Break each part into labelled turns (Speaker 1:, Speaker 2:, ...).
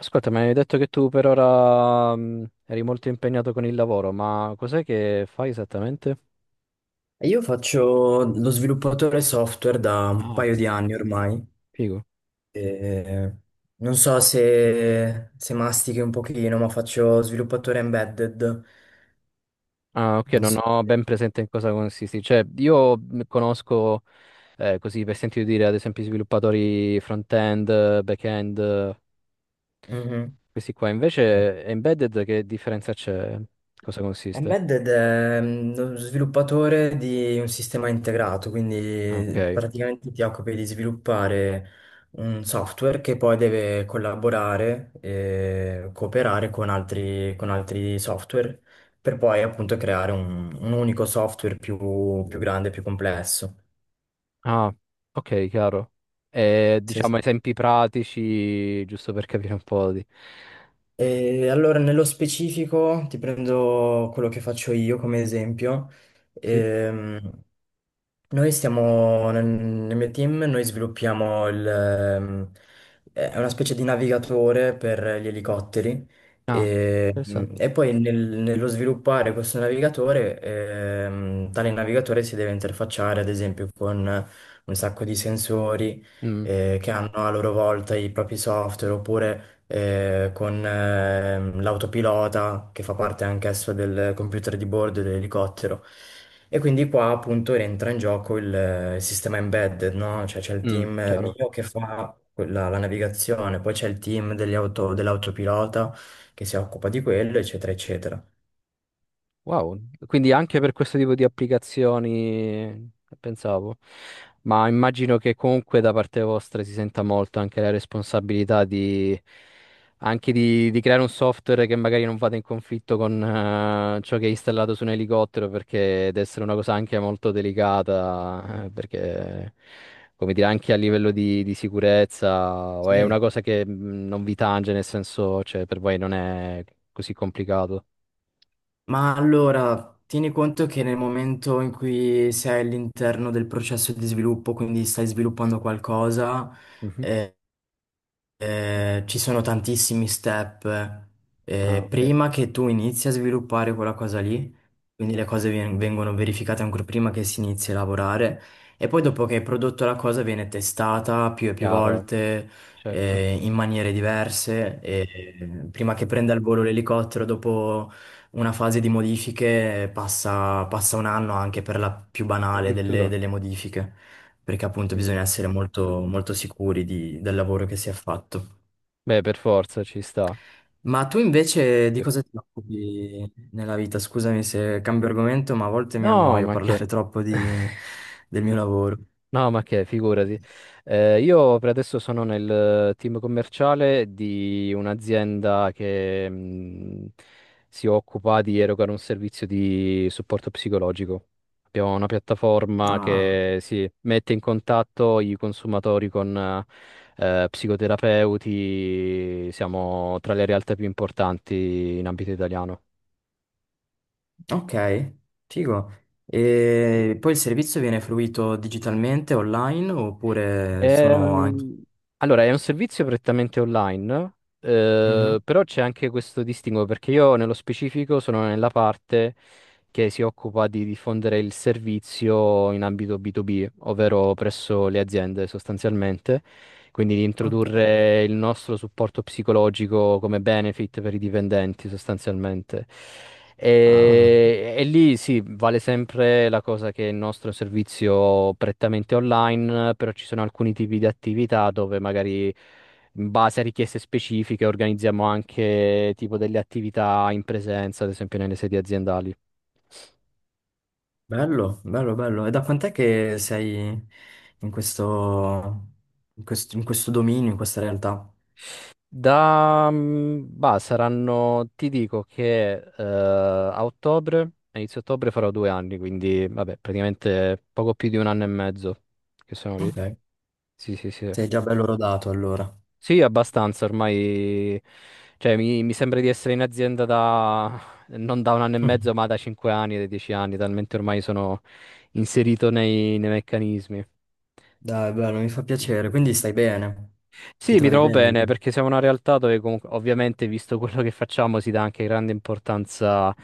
Speaker 1: Ascolta, mi hai detto che tu per ora eri molto impegnato con il lavoro, ma cos'è che fai esattamente?
Speaker 2: Io faccio lo sviluppatore software da un
Speaker 1: Ah,
Speaker 2: paio di anni ormai.
Speaker 1: figo.
Speaker 2: E non so se mastichi un pochino, ma faccio sviluppatore embedded.
Speaker 1: Ah, ok,
Speaker 2: Non
Speaker 1: non
Speaker 2: so
Speaker 1: ho
Speaker 2: se-
Speaker 1: ben presente in cosa consisti. Cioè, io conosco, così per sentito dire, ad esempio, i sviluppatori front-end, back-end, questi qua.
Speaker 2: Mhm.
Speaker 1: Invece, embedded, che differenza c'è? Cosa consiste?
Speaker 2: Embedded è lo sviluppatore di un sistema integrato,
Speaker 1: Ah,
Speaker 2: quindi
Speaker 1: ok.
Speaker 2: praticamente ti occupi di sviluppare un software che poi deve collaborare e cooperare con altri software per poi appunto creare un unico software più grande, più complesso.
Speaker 1: Ah, ok, chiaro. E,
Speaker 2: Sì, sì.
Speaker 1: diciamo, esempi pratici, giusto per capire un po' di...
Speaker 2: E allora, nello specifico, ti prendo quello che faccio io come esempio.
Speaker 1: Sì?
Speaker 2: Ehm, noi stiamo nel mio team, noi sviluppiamo è una specie di navigatore per gli elicotteri
Speaker 1: Ah,
Speaker 2: e,
Speaker 1: interessante.
Speaker 2: e poi nello sviluppare questo navigatore, tale navigatore si deve interfacciare ad esempio con un sacco di sensori
Speaker 1: Mm,
Speaker 2: che hanno a loro volta i propri software oppure con l'autopilota che fa parte anch'esso del computer di bordo dell'elicottero. E quindi qua appunto entra in gioco il sistema embedded, no? Cioè c'è il
Speaker 1: mm,
Speaker 2: team
Speaker 1: chiaro.
Speaker 2: mio che fa la navigazione, poi c'è il team degli dell'autopilota che si occupa di quello, eccetera, eccetera.
Speaker 1: Wow, quindi anche per questo tipo di applicazioni eh, pensavo, ma immagino che comunque da parte vostra si senta molto anche la responsabilità di, anche di creare un software che magari non vada in conflitto con ciò che è installato su un elicottero, perché deve essere una cosa anche molto delicata, perché come dire anche a livello di sicurezza, o è una
Speaker 2: Sì.
Speaker 1: cosa che non vi tange, nel senso, cioè per voi non è così complicato.
Speaker 2: Ma allora, tieni conto che nel momento in cui sei all'interno del processo di sviluppo, quindi stai sviluppando qualcosa,
Speaker 1: Mhm.
Speaker 2: eh, ci sono tantissimi step
Speaker 1: Ah, ok.
Speaker 2: prima che tu inizi a sviluppare quella cosa lì, quindi le cose vengono verificate ancora prima che si inizi a lavorare e poi dopo che hai prodotto la cosa viene testata più e più
Speaker 1: Chiaro,
Speaker 2: volte
Speaker 1: certo.
Speaker 2: in maniere diverse e prima che prenda il volo l'elicottero dopo una fase di modifiche passa un anno anche per la più banale delle
Speaker 1: Addirittura.
Speaker 2: delle modifiche perché appunto bisogna
Speaker 1: Mhm.
Speaker 2: essere molto, molto sicuri del lavoro che si è fatto.
Speaker 1: Beh, per forza ci sta.
Speaker 2: Ma tu invece di
Speaker 1: Sì.
Speaker 2: cosa ti occupi nella vita? Scusami se cambio argomento, ma a volte mi
Speaker 1: No,
Speaker 2: annoio
Speaker 1: ma che?
Speaker 2: parlare troppo del mio lavoro.
Speaker 1: No, ma che, figurati. Io per adesso sono nel team commerciale di un'azienda che si occupa di erogare un servizio di supporto psicologico. Abbiamo una piattaforma
Speaker 2: Ah,
Speaker 1: che si mette in contatto i consumatori con psicoterapeuti. Siamo tra le realtà più importanti in ambito italiano.
Speaker 2: ok, figo. E poi il servizio viene fruito digitalmente, online, oppure sono anche.
Speaker 1: Ehm, allora, è un servizio prettamente online,
Speaker 2: Mhm,
Speaker 1: però c'è anche questo distinguo perché io nello specifico sono nella parte che si occupa di diffondere il servizio in ambito B2B, ovvero presso le aziende sostanzialmente. Quindi di
Speaker 2: ok.
Speaker 1: introdurre il nostro supporto psicologico come benefit per i dipendenti sostanzialmente.
Speaker 2: Ah.
Speaker 1: E lì sì, vale sempre la cosa che il nostro servizio prettamente online, però ci sono alcuni tipi di attività dove magari in base a richieste specifiche organizziamo anche tipo delle attività in presenza, ad esempio nelle sedi aziendali.
Speaker 2: Bello, bello, bello. E da quant'è che sei in questo, in questo dominio, in questa realtà?
Speaker 1: Da, bah, saranno, ti dico che a ottobre, a inizio ottobre farò 2 anni, quindi vabbè, praticamente poco più di un anno e mezzo che sono lì.
Speaker 2: Ok.
Speaker 1: Sì, sì, sì.
Speaker 2: Sei già bello rodato allora.
Speaker 1: Sì, abbastanza, ormai, cioè mi sembra di essere in azienda da, non da un anno e
Speaker 2: Mm.
Speaker 1: mezzo, ma da 5 anni, da 10 anni, talmente ormai sono inserito nei meccanismi.
Speaker 2: Dai, bello, mi fa
Speaker 1: Sì,
Speaker 2: piacere.
Speaker 1: sì, sì.
Speaker 2: Quindi stai bene? Ti
Speaker 1: Sì, mi
Speaker 2: trovi
Speaker 1: trovo
Speaker 2: bene lì?
Speaker 1: bene perché siamo una realtà dove comunque, ovviamente, visto quello che facciamo, si dà anche grande importanza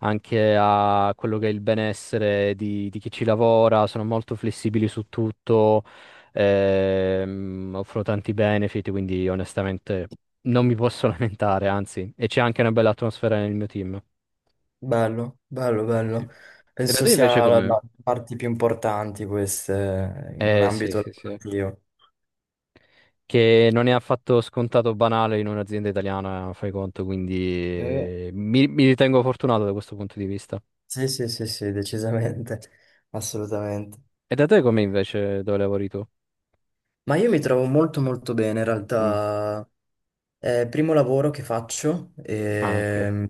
Speaker 1: anche a quello che è il benessere di chi ci lavora, sono molto flessibili su tutto, offro tanti benefit, quindi onestamente non mi posso lamentare, anzi, e c'è anche una bella atmosfera nel mio team.
Speaker 2: Bello, bello,
Speaker 1: Sì, sì, sì.
Speaker 2: bello.
Speaker 1: E da
Speaker 2: Penso
Speaker 1: te invece
Speaker 2: sia la,
Speaker 1: com'è?
Speaker 2: la parte più importante queste in un
Speaker 1: Eh sì,
Speaker 2: ambito
Speaker 1: sì, sì.
Speaker 2: lavorativo.
Speaker 1: Che non è affatto scontato o banale in un'azienda italiana, fai conto, quindi
Speaker 2: Eh,
Speaker 1: mi ritengo fortunato da questo punto di vista.
Speaker 2: sì, sì, sì, sì, decisamente, assolutamente.
Speaker 1: E da te com'è invece dove lavori tu?
Speaker 2: Ma io mi trovo molto molto bene in
Speaker 1: Mm.
Speaker 2: realtà. È il primo lavoro che faccio
Speaker 1: Ah, ok,
Speaker 2: e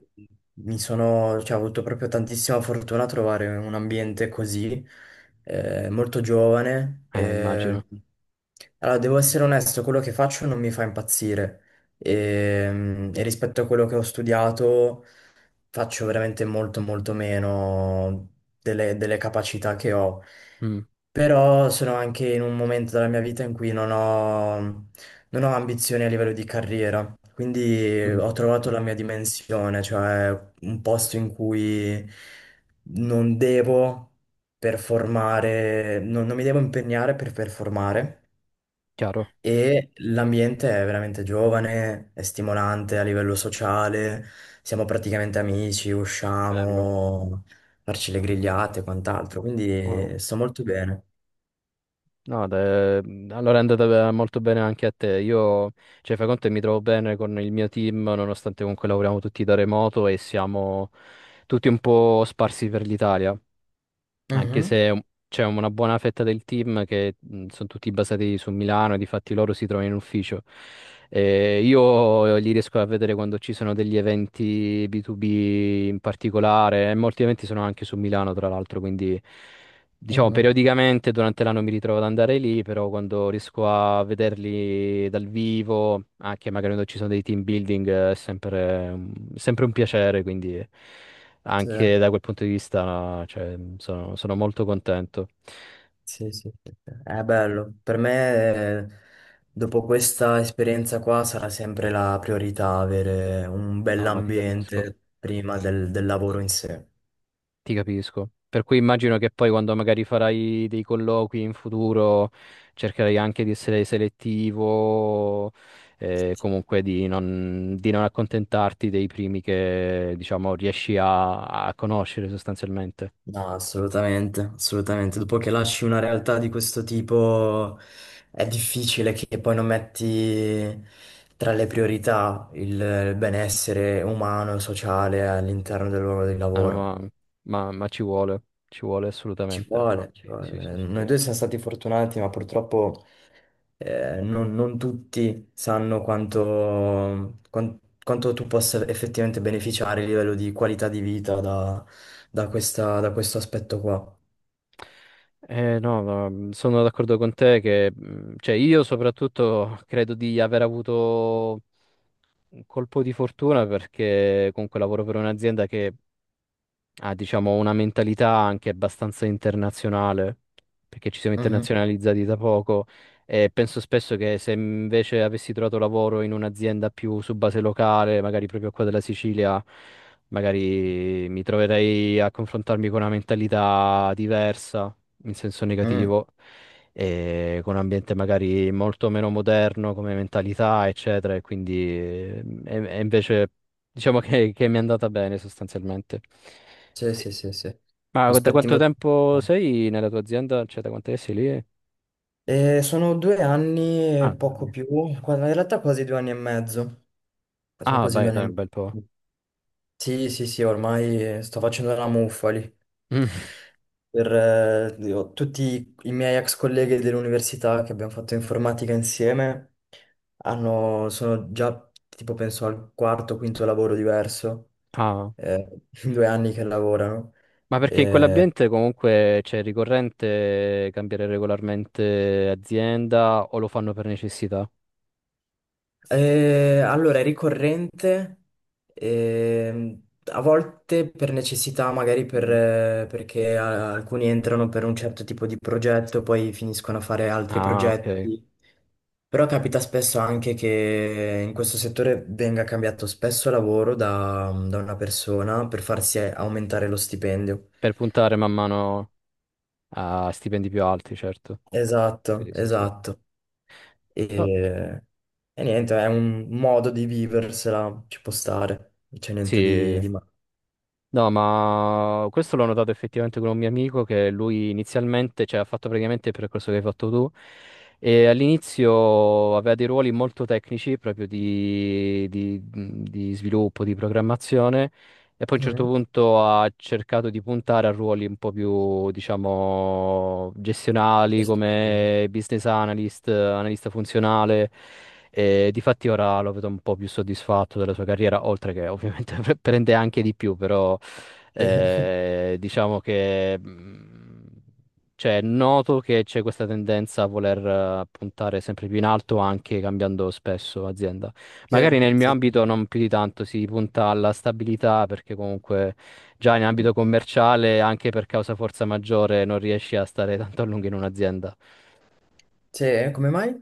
Speaker 2: cioè, ho avuto proprio tantissima fortuna a trovare un ambiente così, molto giovane.
Speaker 1: immagino.
Speaker 2: Allora, devo essere onesto, quello che faccio non mi fa impazzire e rispetto a quello che ho studiato faccio veramente molto molto meno delle capacità che ho.
Speaker 1: Mm,
Speaker 2: Però sono anche in un momento della mia vita in cui non ho ambizioni a livello di carriera, quindi
Speaker 1: mm.
Speaker 2: ho trovato
Speaker 1: Chiaro.
Speaker 2: la mia dimensione, cioè un posto in cui non devo performare, non mi devo impegnare per performare
Speaker 1: Chiaro.
Speaker 2: e l'ambiente è veramente giovane, è stimolante a livello sociale, siamo praticamente amici,
Speaker 1: Bello.
Speaker 2: usciamo, farci le grigliate e quant'altro,
Speaker 1: Wow.
Speaker 2: quindi sto molto bene.
Speaker 1: No, allora è andata molto bene anche a te. Io, cioè, fai conto che mi trovo bene con il mio team, nonostante comunque lavoriamo tutti da remoto e siamo tutti un po' sparsi per l'Italia. Anche
Speaker 2: Mhm.
Speaker 1: se c'è una buona fetta del team che sono tutti basati su Milano, e difatti loro si trovano in ufficio. Io li riesco a vedere quando ci sono degli eventi B2B in particolare, e molti eventi sono anche su Milano, tra l'altro, quindi diciamo
Speaker 2: Mhm.
Speaker 1: periodicamente durante l'anno mi ritrovo ad andare lì, però quando riesco a vederli dal vivo, anche magari quando ci sono dei team building, è sempre, sempre un piacere, quindi...
Speaker 2: Sì,
Speaker 1: Anche da quel punto di vista, cioè, sono molto contento.
Speaker 2: sì, sì, sì. È bello. Per me, dopo questa esperienza qua, sarà sempre la priorità avere un
Speaker 1: No, ma ti capisco,
Speaker 2: bell'ambiente prima del lavoro in sé.
Speaker 1: ti capisco. Per cui immagino che poi quando magari farai dei colloqui in futuro cercherai anche di essere selettivo, comunque di non, accontentarti dei primi che, diciamo, riesci a conoscere sostanzialmente.
Speaker 2: No, assolutamente, assolutamente. Dopo che lasci una realtà di questo tipo, è difficile che poi non metti tra le priorità il benessere umano e sociale all'interno del luogo di
Speaker 1: No, no,
Speaker 2: lavoro.
Speaker 1: ma ci vuole
Speaker 2: Ci
Speaker 1: assolutamente.
Speaker 2: vuole, ci
Speaker 1: Sì, sì,
Speaker 2: vuole.
Speaker 1: sì,
Speaker 2: Noi
Speaker 1: sì.
Speaker 2: due siamo stati fortunati, ma purtroppo non tutti sanno quanto tu possa effettivamente beneficiare a livello di qualità di vita da questo aspetto qua.
Speaker 1: No, ma sono d'accordo con te che, cioè, io soprattutto credo di aver avuto un colpo di fortuna perché comunque lavoro per un'azienda che ha, diciamo, una mentalità anche abbastanza internazionale, perché ci siamo
Speaker 2: Mhm,
Speaker 1: internazionalizzati da poco e penso spesso che se invece avessi trovato lavoro in un'azienda più su base locale, magari proprio qua della Sicilia, magari mi troverei a confrontarmi con una mentalità diversa, in senso
Speaker 2: mhm.
Speaker 1: negativo. E con un ambiente magari molto meno moderno come mentalità, eccetera, e quindi e invece diciamo che mi è andata bene sostanzialmente.
Speaker 2: Sì, sì, sì, sì.
Speaker 1: Ma da
Speaker 2: Aspetti
Speaker 1: quanto
Speaker 2: molto.
Speaker 1: tempo sei nella tua azienda? Cioè, da quanto sei lì?
Speaker 2: Sono due anni
Speaker 1: Ah,
Speaker 2: e poco
Speaker 1: dai.
Speaker 2: più, in realtà quasi 2 anni e mezzo. Sono
Speaker 1: Ah,
Speaker 2: quasi due
Speaker 1: beh,
Speaker 2: anni e
Speaker 1: dai, un bel po'.
Speaker 2: mezzo. Sì, sì, sì, ormai sto facendo la muffa lì.
Speaker 1: Mm.
Speaker 2: Tutti i miei ex colleghi dell'università che abbiamo fatto informatica insieme sono già tipo penso al quarto o quinto lavoro diverso,
Speaker 1: Ah,
Speaker 2: eh, in 2 anni che lavorano.
Speaker 1: ma perché in
Speaker 2: Eh,
Speaker 1: quell'ambiente comunque c'è ricorrente cambiare regolarmente azienda o lo fanno per necessità?
Speaker 2: allora è ricorrente, a volte per necessità, magari
Speaker 1: Mm.
Speaker 2: perché alcuni entrano per un certo tipo di progetto, poi finiscono a fare altri
Speaker 1: Ah, ok.
Speaker 2: progetti. Però capita spesso anche che in questo settore venga cambiato spesso lavoro da una persona per farsi aumentare lo stipendio.
Speaker 1: Per puntare man mano a stipendi più alti, certo.
Speaker 2: Esatto,
Speaker 1: Sì, sì, sì.
Speaker 2: esatto.
Speaker 1: No,
Speaker 2: E, e niente, è un modo di viversela, ci può stare, non c'è niente di,
Speaker 1: sì.
Speaker 2: di male.
Speaker 1: No, ma questo l'ho notato effettivamente con un mio amico che lui inizialmente, cioè, ha fatto praticamente il percorso che hai fatto tu e all'inizio aveva dei ruoli molto tecnici proprio di sviluppo, di programmazione, e poi a un certo
Speaker 2: Mhm.
Speaker 1: punto ha cercato di puntare a ruoli un po' più, diciamo, gestionali
Speaker 2: Just-
Speaker 1: come business analyst, analista funzionale. E difatti ora lo vedo un po' più soddisfatto della sua carriera, oltre che ovviamente prende anche di più, però...
Speaker 2: Sì,
Speaker 1: Diciamo che cioè, è noto che c'è questa tendenza a voler puntare sempre più in alto, anche cambiando spesso azienda.
Speaker 2: sì,
Speaker 1: Magari nel mio
Speaker 2: sì.
Speaker 1: ambito non più di tanto, si punta alla stabilità perché comunque già in ambito commerciale, anche per causa forza maggiore, non riesci a stare tanto a lungo in un'azienda.
Speaker 2: Sì, come mai?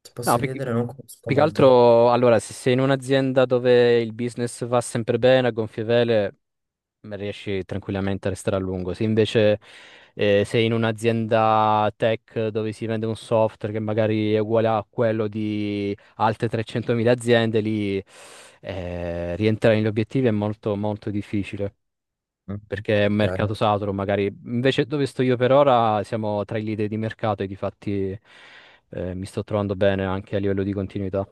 Speaker 2: Ti
Speaker 1: No,
Speaker 2: posso chiedere, non conosco
Speaker 1: più che
Speaker 2: molto.
Speaker 1: altro, allora, se sei in un'azienda dove il business va sempre bene, a gonfie vele, riesci tranquillamente a restare a lungo. Se invece sei in un'azienda tech dove si vende un software che magari è uguale a quello di altre 300.000 aziende, lì rientrare negli obiettivi è molto, molto difficile.
Speaker 2: Mhm.
Speaker 1: Perché è un mercato
Speaker 2: Ok,
Speaker 1: saturo, magari. Invece dove sto io per ora siamo tra i leader di mercato e di fatti mi sto trovando bene anche a livello di continuità.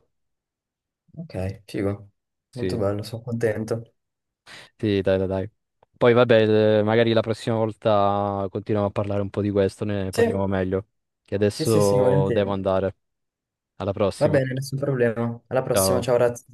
Speaker 2: ok, figo. Molto
Speaker 1: Sì.
Speaker 2: bello, sono contento.
Speaker 1: Sì, dai, dai, dai. Poi vabbè, magari la prossima volta continuiamo a parlare un po' di questo, ne
Speaker 2: Sì.
Speaker 1: parliamo meglio. Che
Speaker 2: Sì, sì, sì,
Speaker 1: adesso devo
Speaker 2: volentieri.
Speaker 1: andare. Alla
Speaker 2: Va
Speaker 1: prossima.
Speaker 2: bene, nessun problema. Alla prossima,
Speaker 1: Ciao.
Speaker 2: ciao, ragazzi.